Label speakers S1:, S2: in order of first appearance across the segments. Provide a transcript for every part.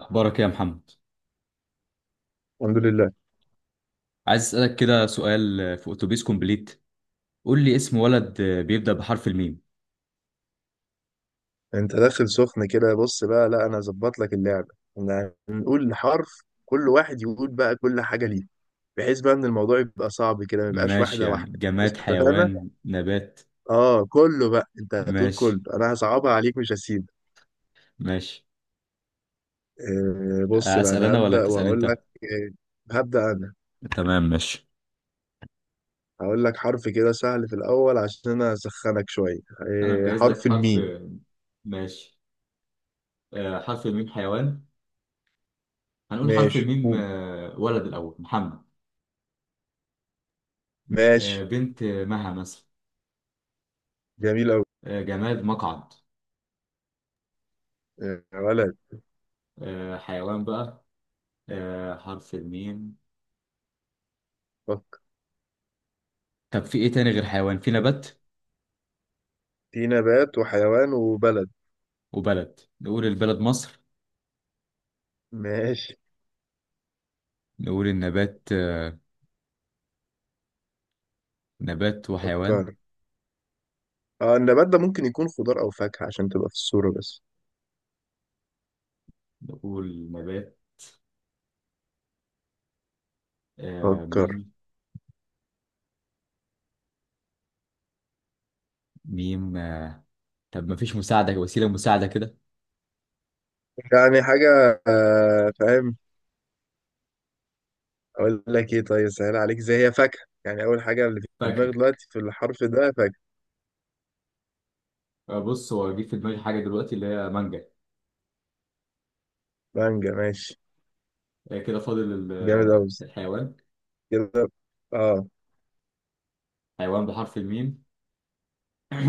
S1: أخبارك إيه يا محمد؟
S2: الحمد لله.
S1: عايز أسألك كده سؤال في أتوبيس كومبليت. قول لي اسم ولد بيبدأ بحرف الميم.
S2: انت داخل سخن كده، بص بقى. لا، انا ظبط لك اللعبه. احنا هنقول حرف، كل واحد يقول بقى كل حاجه ليه، بحيث بقى ان الموضوع يبقى صعب كده ما يبقاش
S1: ماشي،
S2: واحده
S1: يعني
S2: واحده.
S1: جماد،
S2: اتفقنا.
S1: حيوان، نبات.
S2: اه، كله بقى، انت هتقول
S1: ماشي.
S2: كله، انا هصعبها عليك، مش هسيب.
S1: ماشي.
S2: آه، بص بقى
S1: أسأل
S2: انا
S1: أنا ولا
S2: هبدا
S1: تسأل
S2: وهقول لك.
S1: أنت؟
S2: آه، هبدا انا.
S1: تمام، ماشي.
S2: هقول لك حرف كده سهل في الاول عشان انا اسخنك شويه،
S1: أنا مجهز لك
S2: حرف
S1: حرف.
S2: الميم.
S1: ماشي. حرف الميم، حيوان. هنقول حرف
S2: ماشي،
S1: الميم.
S2: قول.
S1: ولد الأول محمد.
S2: ماشي.
S1: بنت مها مثلا.
S2: جميل قوي.
S1: جماد، مقعد.
S2: آه يا ولد.
S1: حيوان بقى. حرف الميم.
S2: فكر.
S1: طب في إيه تاني؟ غير حيوان، في نبات
S2: في نبات وحيوان وبلد.
S1: وبلد. نقول البلد مصر.
S2: ماشي.
S1: نقول النبات. نبات وحيوان.
S2: فكر. اه، النبات ده ممكن يكون خضار او فاكهة عشان تبقى في الصورة بس.
S1: نقول نبات
S2: فكر.
S1: ميم. ميم طب ما فيش مساعدة؟ وسيلة مساعدة كده.
S2: يعني حاجة، فاهم. اقول لك ايه؟ طيب، سهل عليك، زي هي فاكهة، يعني اول حاجة اللي في
S1: فاكهة.
S2: دماغي دلوقتي في الحرف ده فاكهة.
S1: بص، هو جه في دماغي حاجة دلوقتي اللي هي مانجا.
S2: مانجا ماشي.
S1: كده فاضل
S2: جامد اوي.
S1: الحيوان.
S2: كده. اه.
S1: حيوان بحرف الميم.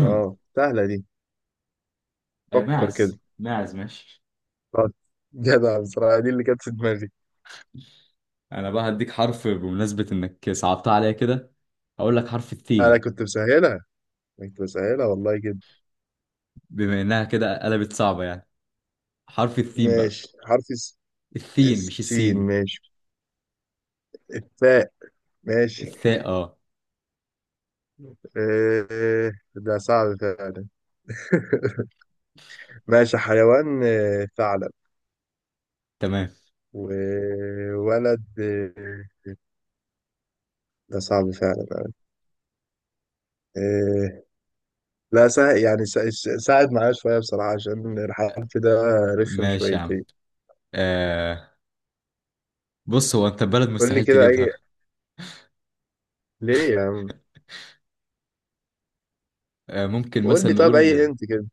S2: اه، سهلة دي. فكر كده.
S1: ماعز. ماعز، ماشي.
S2: طب. جدع بصراحة، دي اللي كانت في دماغي.
S1: أنا بقى هديك حرف بمناسبة إنك صعبتها عليا كده. هقول لك حرف
S2: انا
S1: الثين.
S2: كنت مسهلها. أنا كنت مسهلها والله كده.
S1: بما إنها كده قلبت صعبة يعني، حرف الثين بقى.
S2: ماشي، حرف
S1: الثين، مش
S2: السين.
S1: السين.
S2: ماشي. الثاء. ماشي.
S1: الثاء، اه.
S2: آه، ده صعب فعلا. ماشي، حيوان ثعلب.
S1: تمام،
S2: وولد ده صعب فعلا. آه، لا، سا... يعني سا... س- ساعد معايا شوية بصراحة عشان الحرف ده رخم
S1: ماشي يا عم.
S2: شويتين.
S1: آه، بص، هو انت بلد
S2: قول لي
S1: مستحيل
S2: كده
S1: تجيبها.
S2: أي. ليه يا عم؟
S1: آه، ممكن
S2: قول
S1: مثلا
S2: لي طب أي
S1: نقول
S2: هنت كده.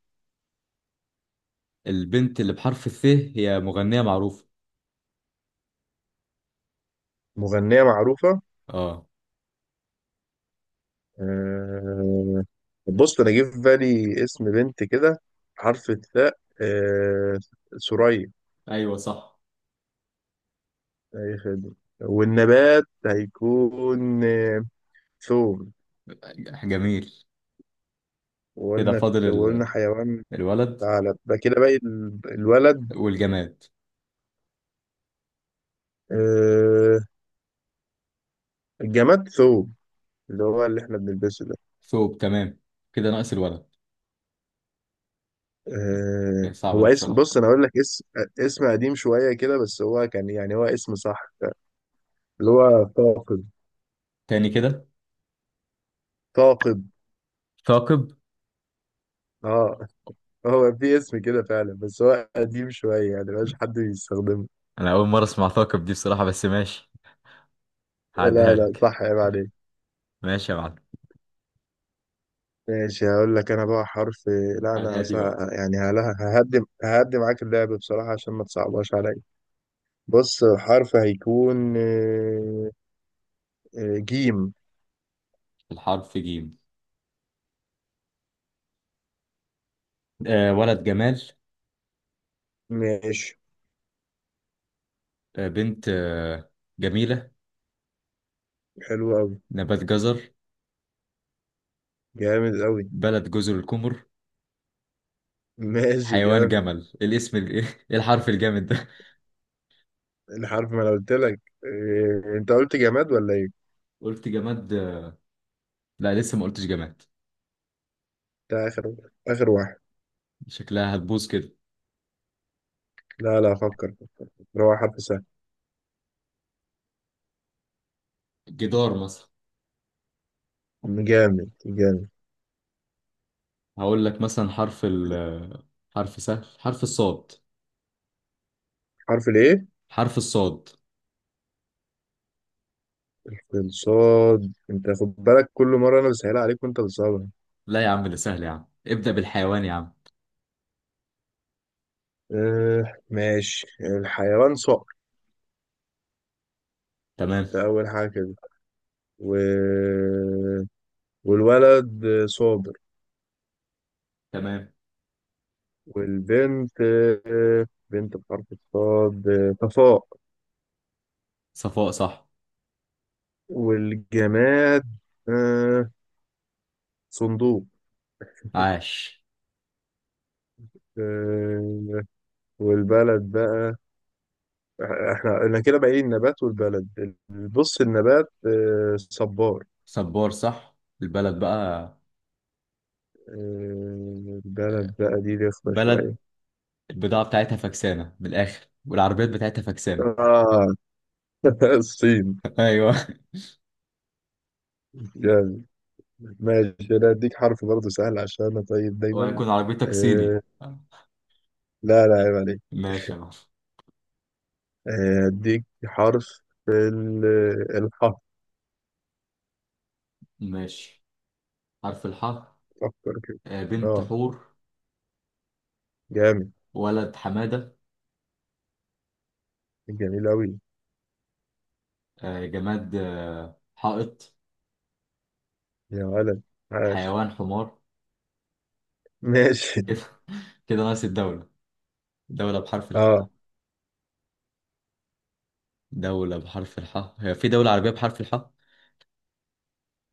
S1: البنت اللي بحرف الثاء هي مغنية معروفة.
S2: مغنية معروفة؟
S1: اه.
S2: آه، بص، أنا جه في بالي اسم بنت كده حرف الثاء، ثريا.
S1: ايوه، صح.
S2: أي خدمة. والنبات هيكون ثوم.
S1: جميل. كده
S2: وقلنا
S1: فاضل
S2: وقلنا حيوان
S1: الولد
S2: ثعلب بقى. كده باقي الولد.
S1: والجماد.
S2: آه، الجماد ثوم، اللي هو اللي احنا بنلبسه ده.
S1: ثوب، تمام. كده ناقص الولد. هي صعبة
S2: هو
S1: دي
S2: اسم،
S1: بصراحة.
S2: بص انا اقول لك اسم، اسم قديم شوية كده بس هو كان يعني هو اسم صح، اللي هو ثاقب.
S1: تاني كده؟
S2: ثاقب،
S1: ثاقب.
S2: اه. هو في اسم كده فعلا بس هو قديم شوية يعني مبقاش حد بيستخدمه.
S1: انا اول مرة اسمع ثاقب دي بصراحة، بس ماشي،
S2: لا
S1: هعديها
S2: لا،
S1: لك.
S2: صح يا عليك.
S1: ماشي يا معلم،
S2: ماشي، هقول لك انا بقى حرف. لا،
S1: على الهادي بقى.
S2: يعني، ههدي معاك اللعب بصراحة عشان ما تصعبهاش عليا. بص، حرف هيكون جيم.
S1: الحرف جيم. آه، ولد جمال.
S2: ماشي.
S1: بنت جميلة.
S2: حلو قوي.
S1: نبات، جزر.
S2: جامد قوي.
S1: بلد، جزر القمر.
S2: ماشي
S1: حيوان،
S2: جامد.
S1: جمل. إيه الاسم ايه الحرف الجامد ده!
S2: الحرف، ما انا قلت لك؟ انت قلت جماد ولا ايه؟
S1: قلت جماد. لا، لسه ما قلتش جماد.
S2: ده اخر. اخر واحد.
S1: شكلها هتبوظ كده.
S2: لا لا، افكر. هو حرف سهل.
S1: جدار مثلا.
S2: جامد جامد.
S1: هقول لك مثلا حرف ال آه، حرف سهل، حرف الصاد.
S2: حرف الايه؟
S1: حرف الصاد.
S2: الصاد، انت خد بالك، كل مرة انا بسهلها عليك وانت بتصعبها.
S1: لا يا عم، ده سهل يا عم، ابدأ بالحيوان يا عم.
S2: آه ماشي، الحيوان صقر.
S1: تمام.
S2: ده أول حاجة كده. و... والولد صابر.
S1: تمام.
S2: والبنت بنت بحرف الصاد، صفاء.
S1: صفاء، صح.
S2: والجماد آه، صندوق.
S1: عاش.
S2: آه، والبلد بقى. احنا كده باقي النبات والبلد. بص، النبات صبار.
S1: صبار، صح. البلد بقى.
S2: البلد بقى دي رخمة شوية.
S1: بلد البضاعة بتاعتها فكسانة من الآخر والعربيات بتاعتها فكسانة.
S2: آه الصين.
S1: ايوه.
S2: ماشي، انا اديك حرف برضه سهل عشان انا طيب دايما.
S1: وهيكون عربيتك صيني.
S2: آه، لا لا، عيب عليك.
S1: ماشي يا معلم.
S2: اديك حرف ال- الحاء.
S1: ماشي، حرف الحاء.
S2: فكر كده.
S1: بنت
S2: اه،
S1: حور.
S2: جامد.
S1: ولد حمادة.
S2: جميل اوي.
S1: جماد حائط.
S2: يا ولد عاش.
S1: حيوان، حمار.
S2: ماشي،
S1: كده. كده ناقص الدولة. دولة بحرف
S2: اه.
S1: الحاء. دولة بحرف الحاء، هي في دولة عربية بحرف الحاء؟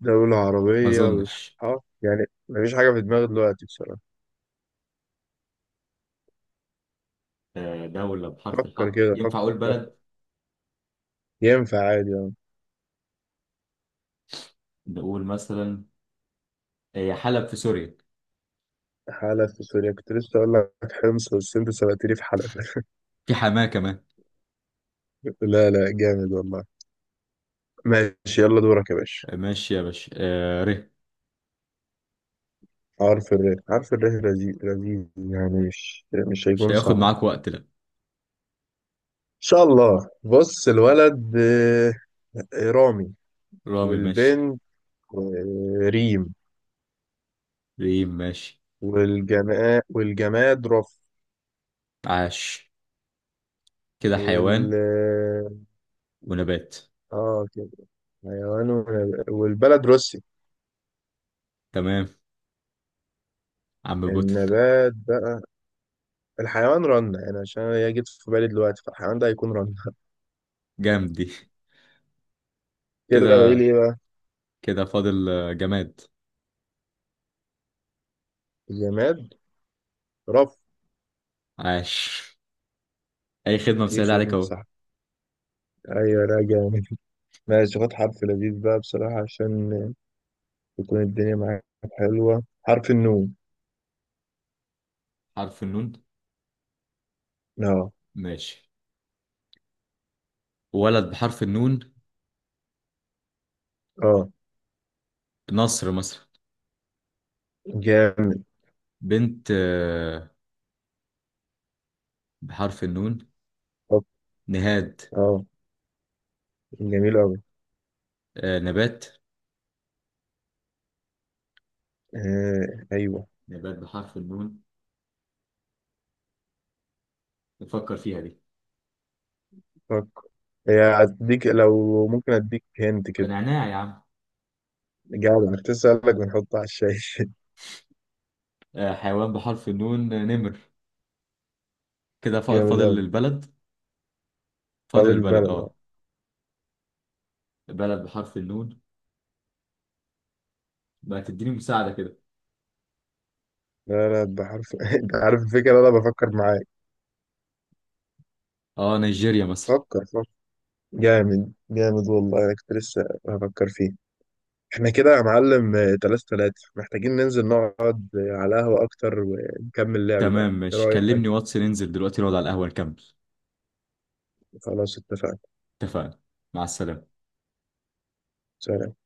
S2: دولة
S1: ما
S2: عربية
S1: أظنش.
S2: بالحاء، يعني مفيش حاجة في دماغي دلوقتي بصراحة.
S1: دولة بحرف
S2: فكر
S1: الحاء،
S2: كده،
S1: ينفع
S2: فكر
S1: أقول
S2: فكر.
S1: بلد؟
S2: ينفع عادي، اه.
S1: نقول مثلا هي حلب في سوريا.
S2: حلب في سوريا، كنت لسه اقول لك حمص بس انت سبقتني في حلب.
S1: في حماة كمان.
S2: لا لا، جامد والله. ماشي. يلا دورك يا باشا.
S1: آه، ماشي يا باشا. آه، ر.
S2: عارف الريح، عارف الريح لذيذ لذيذ، يعني مش
S1: مش
S2: هيكون
S1: هياخد
S2: صعب ان
S1: معاك وقت، لا.
S2: شاء الله. بص، الولد رامي.
S1: رامي، ماشي.
S2: والبنت ريم.
S1: ريم، ماشي.
S2: والجماد رف.
S1: عاش. كده
S2: وال
S1: حيوان ونبات.
S2: اه، كده حيوان والبلد روسي.
S1: تمام. عم بوتن.
S2: النبات بقى، الحيوان رنة، يعني عشان هي جت في بالي دلوقتي فالحيوان ده هيكون رنة.
S1: جامد دي.
S2: كده بقى، ايه
S1: كده.
S2: ليه بقى.
S1: كده فاضل جماد.
S2: الجماد رف.
S1: عاش. اي خدمة،
S2: اي
S1: مسهلة عليك
S2: خدمة
S1: اهو.
S2: صح. ايوه راجع. ماشي، خد حرف لذيذ بقى بصراحة عشان تكون الدنيا معاك حلوة. حرف النون.
S1: حرف النون.
S2: اه.
S1: ماشي. ولد بحرف النون،
S2: اه،
S1: نصر مثلا.
S2: جامد.
S1: بنت بحرف النون،
S2: طب،
S1: نهاد.
S2: اه. جميل أوي.
S1: نبات.
S2: آه أيوه.
S1: نبات بحرف النون، نفكر فيها دي.
S2: فكر. هي، هديك لو ممكن أديك هنت كده.
S1: نعناع يا عم.
S2: جدع، كنت أسألك بنحطه على الشاي.
S1: حيوان بحرف النون نمر. كده
S2: جامد
S1: فاضل
S2: أوي.
S1: البلد.
S2: فاضل
S1: فاضل البلد،
S2: البلد، اه.
S1: اه. بلد بحرف النون. بقى تديني مساعدة كده.
S2: لا لا، بحرف أنت عارف الفكرة، أنا بفكر معاك.
S1: اه، نيجيريا مثلا.
S2: فكر فكر. جامد جامد والله، أنا كنت لسه بفكر فيه. احنا كده يا معلم، تلاتة تلاتة محتاجين ننزل نقعد، على قهوة أكتر ونكمل لعب بقى.
S1: تمام،
S2: إيه
S1: ماشي،
S2: رأيك؟
S1: كلمني واتس، ننزل دلوقتي نقعد على القهوة نكمل.
S2: خلاص اتفقنا.
S1: اتفقنا. مع السلامة.
S2: سلام.